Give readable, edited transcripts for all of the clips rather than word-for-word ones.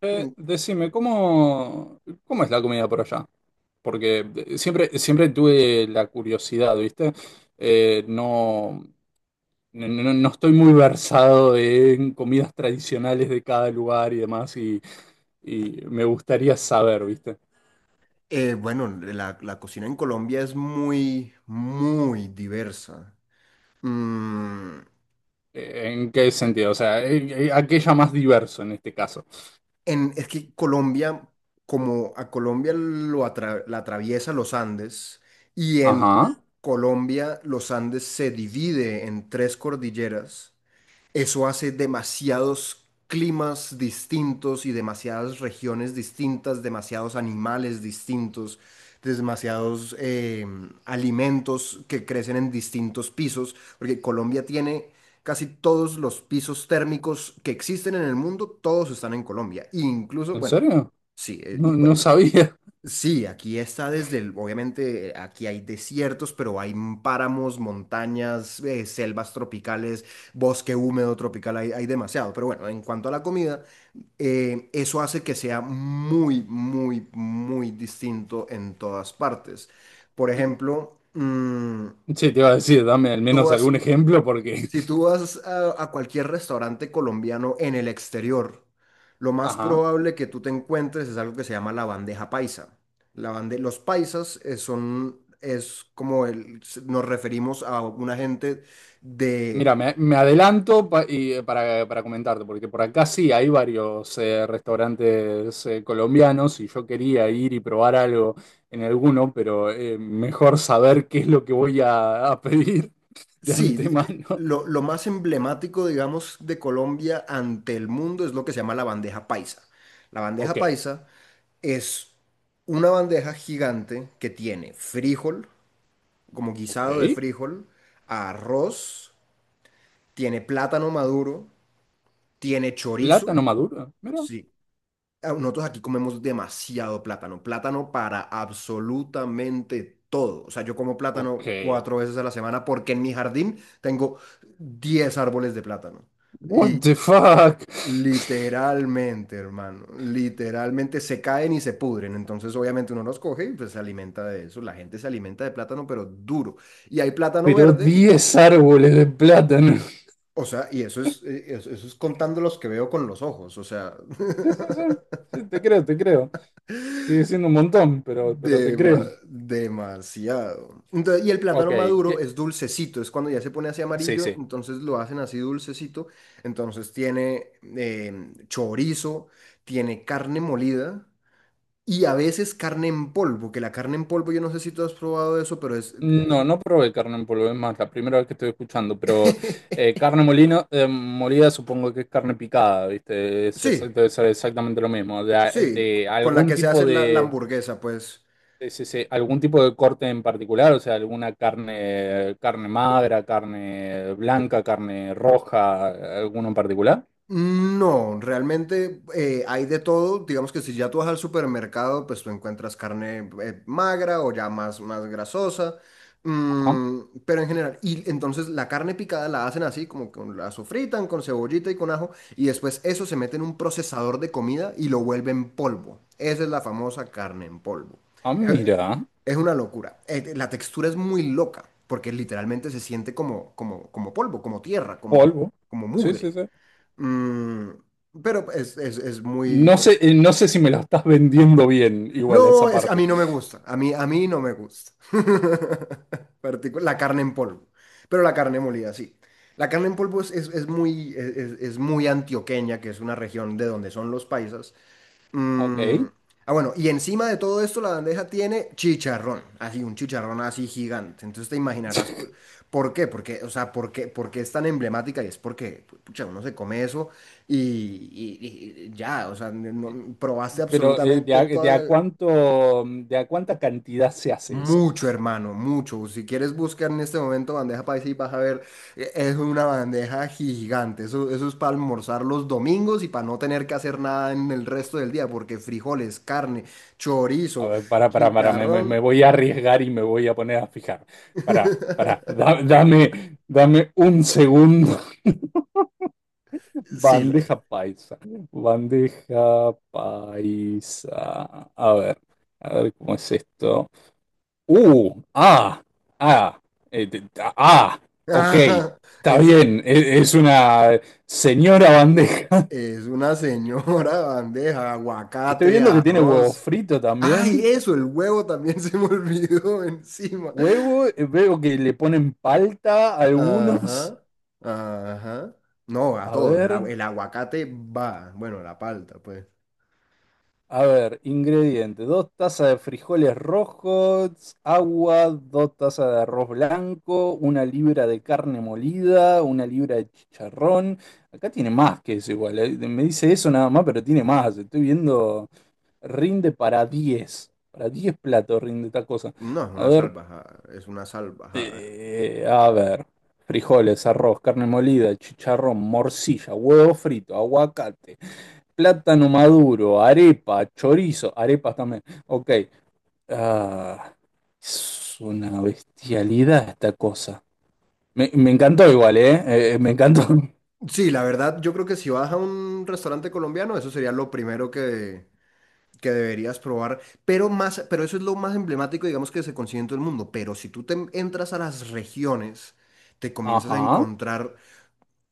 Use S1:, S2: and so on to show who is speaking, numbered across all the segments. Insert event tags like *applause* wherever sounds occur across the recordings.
S1: Eh,
S2: Mm,
S1: decime, ¿cómo, cómo es la comida por allá? Porque siempre, siempre tuve la curiosidad, ¿viste? Eh, no, no no estoy muy versado en comidas tradicionales de cada lugar y demás, y me gustaría saber, ¿viste?
S2: la cocina en Colombia es muy, muy diversa. Mm,
S1: ¿En qué sentido? O sea, aquella más diverso en este caso.
S2: es que Colombia, como a Colombia la atraviesa los Andes, y en
S1: Ajá,
S2: Colombia los Andes se divide en tres cordilleras. Eso hace demasiados climas distintos y demasiadas regiones distintas, demasiados animales distintos, demasiados alimentos que crecen en distintos pisos, porque Colombia tiene casi todos los pisos térmicos que existen en el mundo, todos están en Colombia. Incluso,
S1: ¿en
S2: bueno,
S1: serio?
S2: sí.
S1: No, no sabía.
S2: Sí, aquí está desde el, obviamente aquí hay desiertos, pero hay páramos, montañas, selvas tropicales, bosque húmedo tropical, hay demasiado. Pero bueno, en cuanto a la comida, eso hace que sea muy, muy, muy distinto en todas partes. Por
S1: *laughs*
S2: ejemplo, mm,
S1: Sí, te iba a decir, dame al
S2: tú
S1: menos
S2: vas
S1: algún ejemplo porque...
S2: si tú
S1: *laughs*
S2: vas a cualquier restaurante colombiano en el exterior, lo más
S1: Ajá.
S2: probable que tú te encuentres es algo que se llama la bandeja paisa. Los paisas es como nos referimos a una gente
S1: Mira,
S2: de,
S1: me, me adelanto para comentarte, porque por acá sí hay varios restaurantes colombianos y yo quería ir y probar algo en alguno, pero mejor saber qué es lo que voy a pedir *laughs* de
S2: sí,
S1: antemano.
S2: lo más emblemático, digamos, de Colombia ante el mundo es lo que se llama la bandeja paisa. La bandeja
S1: Ok,
S2: paisa es una bandeja gigante que tiene frijol, como
S1: ok.
S2: guisado de frijol, arroz, tiene plátano maduro, tiene chorizo.
S1: Plátano maduro, mira.
S2: Sí. Ah, nosotros aquí comemos demasiado plátano, plátano para absolutamente todo. O sea, yo como
S1: Ok.
S2: plátano cuatro veces a la semana porque en mi jardín tengo 10 árboles de plátano. Y
S1: What the fuck?
S2: literalmente, hermano, literalmente se caen y se pudren. Entonces, obviamente uno los coge y pues se alimenta de eso. La gente se alimenta de plátano, pero duro. Y hay plátano
S1: Pero
S2: verde.
S1: diez árboles de plátano.
S2: O sea, y eso es, eso, eso es contando los que veo con los ojos, o sea,
S1: Sí, sí, sí.
S2: *laughs*
S1: Sí, te creo, te creo. Sigue siendo un montón, pero te creo.
S2: demasiado. Entonces, y el
S1: Ok,
S2: plátano maduro
S1: ¿qué,
S2: es dulcecito, es cuando ya se pone así
S1: sí,
S2: amarillo,
S1: sí.
S2: entonces lo hacen así dulcecito, entonces tiene eh, chorizo, tiene carne molida y a veces carne en polvo, que la carne en polvo, yo no sé si tú has probado eso, pero es...
S1: No, no probé carne en polvo, es más, la primera vez que estoy escuchando, pero eh,
S2: *laughs*
S1: carne molino, eh, molida supongo que es carne picada, ¿viste?
S2: Sí,
S1: Debe ser exactamente lo mismo. De,
S2: sí,
S1: de
S2: con la
S1: algún
S2: que se
S1: tipo
S2: hace la, la
S1: de,
S2: hamburguesa, pues.
S1: sí, sí, algún tipo de corte en particular, o sea, alguna carne, carne magra, carne blanca, carne roja, alguno en particular.
S2: No, realmente hay de todo. Digamos que si ya tú vas al supermercado, pues tú encuentras carne magra o ya más, más grasosa.
S1: Ah,
S2: Pero en general, y entonces la carne picada la hacen así, como que la sofritan con cebollita y con ajo, y después eso se mete en un procesador de comida y lo vuelven polvo. Esa es la famosa carne en polvo.
S1: ah,
S2: Eh,
S1: mira,
S2: Es una locura. La textura es muy loca, porque literalmente se siente como, como, como polvo, como tierra, como,
S1: polvo.
S2: como
S1: Sí, sí,
S2: mugre.
S1: sí.
S2: Mm, pero es muy...
S1: No sé, eh, no sé si me lo estás *laughs* vendiendo bien, igual a
S2: no,
S1: esa
S2: es, a
S1: parte.
S2: mí no me gusta. A mí no me gusta. *laughs* La carne en polvo. Pero la carne molida, sí. La carne en polvo es muy, muy antioqueña, que es una región de donde son los paisas. Mm,
S1: Ok.
S2: ah, bueno, y encima de todo esto la bandeja tiene chicharrón, así un chicharrón así gigante. Entonces te imaginarás
S1: *laughs*
S2: por qué, porque, o sea, por qué es tan emblemática y es porque, pucha, uno se come eso y, y ya, o sea, no, probaste
S1: Pero
S2: absolutamente
S1: de
S2: todas
S1: a
S2: las...
S1: cuánto, de a cuánta cantidad se hace eso.
S2: Mucho, hermano, mucho. Si quieres buscar en este momento bandeja paisa y vas a ver, es una bandeja gigante. Eso es para almorzar los domingos y para no tener que hacer nada en el resto del día, porque frijoles, carne,
S1: A
S2: chorizo,
S1: ver, para, me, me
S2: chicharrón.
S1: voy a arriesgar y me voy a poner a fijar. Para,
S2: *laughs*
S1: dame, dame un segundo. *laughs*
S2: Sí,
S1: Bandeja paisa. Bandeja paisa. A ver cómo es esto. Uh, ah, ah, eh, te- ah, ok,
S2: la- *laughs*
S1: está
S2: es,
S1: bien, es una señora bandeja.
S2: es una señora *laughs* bandeja,
S1: Estoy
S2: aguacate,
S1: viendo que tiene huevo
S2: arroz.
S1: frito
S2: Ay,
S1: también.
S2: eso, el huevo también *laughs* se me olvidó encima.
S1: Huevo, veo que le ponen palta a algunos.
S2: Ajá, ajá. No, a
S1: A
S2: todos. El,
S1: ver,
S2: el aguacate va. Bueno, la palta, pues.
S1: a ver, ingredientes. Dos tazas de frijoles rojos, agua, dos tazas de arroz blanco, una libra de carne molida, una libra de chicharrón. Acá tiene más que eso igual. Me dice eso nada más, pero tiene más. Estoy viendo, rinde para diez. Para 10 platos rinde esta cosa.
S2: No, es
S1: A
S2: una
S1: ver,
S2: salvajada. Es una salvajada.
S1: A ver, frijoles, arroz, carne molida, chicharrón, morcilla, huevo frito, aguacate, plátano maduro, arepa, chorizo, arepas también. Ok, ah, es una bestialidad esta cosa. Me encantó igual, ¿eh? Me encantó. *laughs*
S2: Sí, la verdad, yo creo que si vas a un restaurante colombiano, eso sería lo primero que deberías probar. Pero más, pero eso es lo más emblemático, digamos, que se consigue en todo el mundo. Pero si tú te entras a las regiones, te comienzas a
S1: Ajá,
S2: encontrar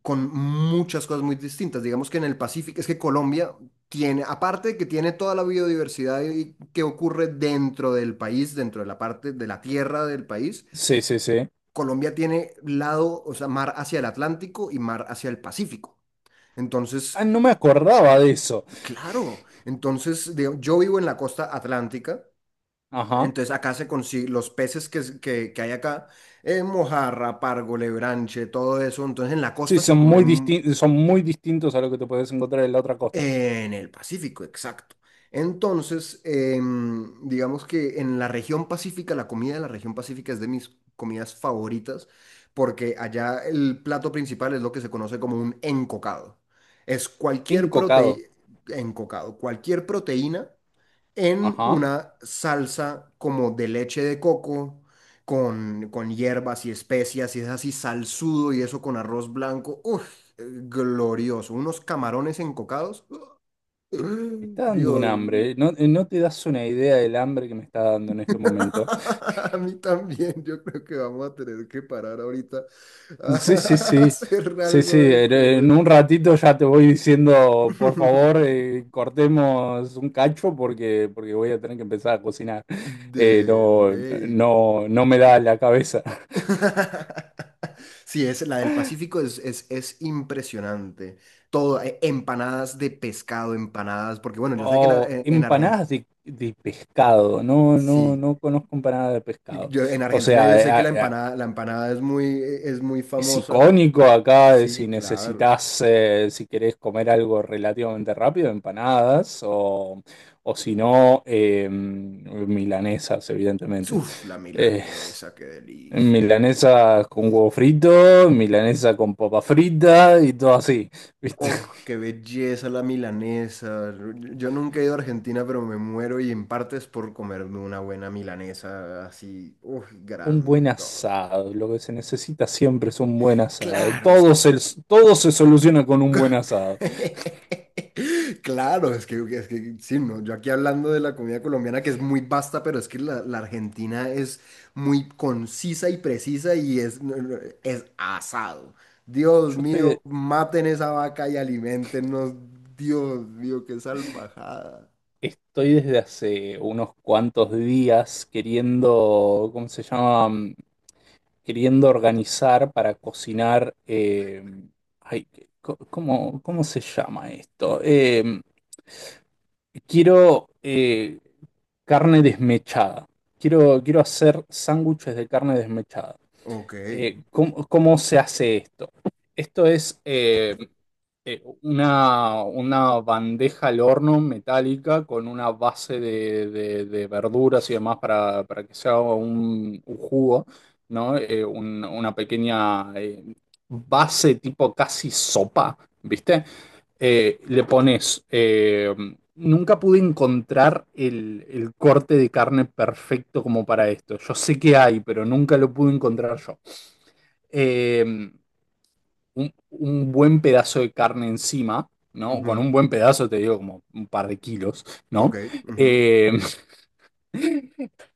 S2: con muchas cosas muy distintas. Digamos que en el Pacífico, es que Colombia tiene, aparte de que tiene toda la biodiversidad que ocurre dentro del país, dentro de la parte de la tierra del país,
S1: sí, sí, sí.
S2: Colombia tiene lado, o sea, mar hacia el Atlántico y mar hacia el Pacífico. Entonces,
S1: Ah, no me acordaba de eso.
S2: claro, entonces digo, yo vivo en la costa atlántica.
S1: Ajá,
S2: Entonces acá se consigue los peces que, que hay acá, mojarra, pargo, lebranche, todo eso. Entonces en la
S1: sí,
S2: costa se come.
S1: son muy distintos a lo que te puedes encontrar en la otra costa.
S2: En el Pacífico, exacto. Entonces, digamos que en la región pacífica, la comida de la región pacífica es de mis comidas favoritas, porque allá el plato principal es lo que se conoce como un encocado. Es cualquier
S1: Encocado,
S2: proteína, encocado, cualquier proteína en
S1: ajá.
S2: una salsa como de leche de coco, con hierbas y especias, y es así salsudo y eso con arroz blanco. Uf, glorioso. Unos camarones encocados.
S1: Me está dando un
S2: Dios,
S1: hambre, ¿eh? No, no te das una idea del hambre que me está dando en este momento.
S2: *laughs* a mí también, yo creo que vamos a tener que parar ahorita a
S1: Sí, sí,
S2: *laughs*
S1: sí,
S2: hacer
S1: sí,
S2: algo
S1: sí,
S2: de
S1: en
S2: comer.
S1: un ratito ya te voy diciendo, por favor,
S2: *laughs*
S1: cortemos un cacho porque, porque voy a tener que empezar a cocinar. Eh,
S2: De
S1: no,
S2: ley.
S1: no, no me da la cabeza.
S2: *laughs* Sí, es, la del Pacífico es impresionante. Todo, empanadas de pescado, empanadas, porque bueno, yo sé que en,
S1: Oh,
S2: Ar- en, Argentina,
S1: empanadas de pescado, no, no,
S2: sí,
S1: no conozco empanadas de pescado.
S2: yo, en
S1: O
S2: Argentina yo sé que
S1: sea,
S2: la empanada es muy
S1: es
S2: famosa.
S1: icónico acá, de si
S2: Sí, claro.
S1: necesitas, si querés comer algo relativamente rápido, empanadas o si no, milanesas, evidentemente.
S2: Uf, la
S1: Eh,
S2: milanesa, qué delicia.
S1: milanesas con huevo frito, milanesa con papa frita y todo así, ¿viste?
S2: Oh, qué belleza la milanesa. Yo nunca he ido a Argentina, pero me muero y en parte es por comerme una buena milanesa así, uf,
S1: Un buen
S2: grandota.
S1: asado, lo que se necesita siempre es un buen asado.
S2: Claro, es que
S1: Todo se soluciona con un buen asado.
S2: *laughs* claro, es que sí, no, yo aquí hablando de la comida colombiana que es muy vasta, pero es que la, la Argentina es muy concisa y precisa y es, no, no, es asado. Dios
S1: Yo estoy
S2: mío,
S1: de-
S2: maten esa vaca y aliméntenos. Dios mío, qué salvajada.
S1: Estoy desde hace unos cuantos días queriendo, ¿cómo se llama? Queriendo organizar para cocinar. Ay, ¿Cómo, cómo se llama esto? Quiero carne desmechada. Quiero, quiero hacer sándwiches de carne desmechada.
S2: Ok.
S1: ¿Cómo, cómo se hace esto? Esto es una bandeja al horno metálica con una base de, de verduras y demás para que se haga un jugo, ¿no? Una pequeña base tipo casi sopa, ¿viste? Le pones... nunca pude encontrar el corte de carne perfecto como para esto. Yo sé que hay, pero nunca lo pude encontrar yo. Eh, un buen pedazo de carne encima, ¿no? Con
S2: Ujú.
S1: un buen pedazo, te digo, como un par de kilos,
S2: Ok.
S1: ¿no?
S2: Ujú,
S1: Eh,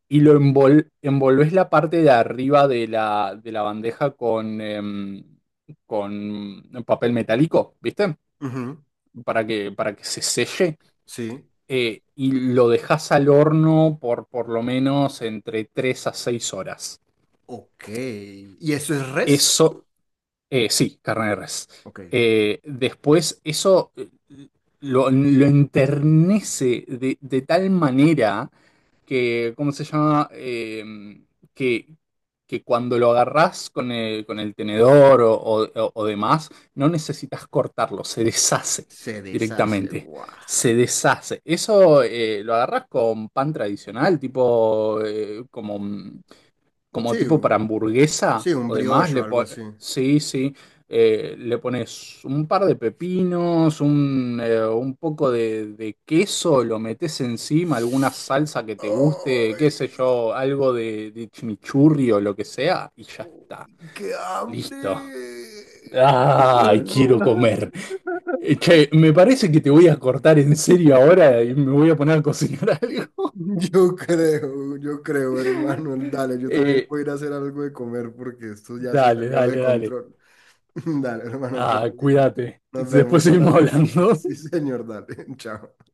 S1: y envolvés la parte de arriba de la bandeja con, con papel metálico, ¿viste?
S2: ujú.
S1: Para que se selle.
S2: Sí.
S1: Y lo dejas al horno por lo menos entre 3 a 6 horas.
S2: Ok. ¿Y eso es res?
S1: Eso Sí, carne de res.
S2: Ok.
S1: Después eso lo enternece de tal manera que, ¿cómo se llama? Que, que cuando lo agarrás con el tenedor o demás, no necesitas cortarlo, se deshace
S2: Se deshace.
S1: directamente,
S2: Guau.
S1: se deshace. Eso lo agarrás con pan tradicional, tipo como... como
S2: Sí,
S1: tipo para hamburguesa
S2: sí, un
S1: o demás,
S2: brioche o algo así.
S1: sí, sí, le pones un par de pepinos, un poco de queso, lo metes encima, alguna salsa que te guste,
S2: Ay,
S1: qué sé yo, algo de chimichurri o lo que sea, y ya
S2: oh,
S1: está.
S2: ¡qué
S1: Listo.
S2: hambre!
S1: ¡Ay, quiero comer! Che, me parece que te voy a cortar en serio ahora y me voy a poner a cocinar *laughs* algo.
S2: Yo creo, hermano. Dale, yo también
S1: Eh,
S2: voy a ir a hacer algo de comer porque esto ya se
S1: Dale,
S2: salió de
S1: dale, dale.
S2: control. *laughs* Dale, hermano,
S1: Ah,
S2: todo bien.
S1: cuídate.
S2: Nos
S1: Después
S2: vemos a la
S1: seguimos
S2: próxima. *laughs*
S1: hablando.
S2: Sí,
S1: *laughs*
S2: señor, dale. *laughs* Chao.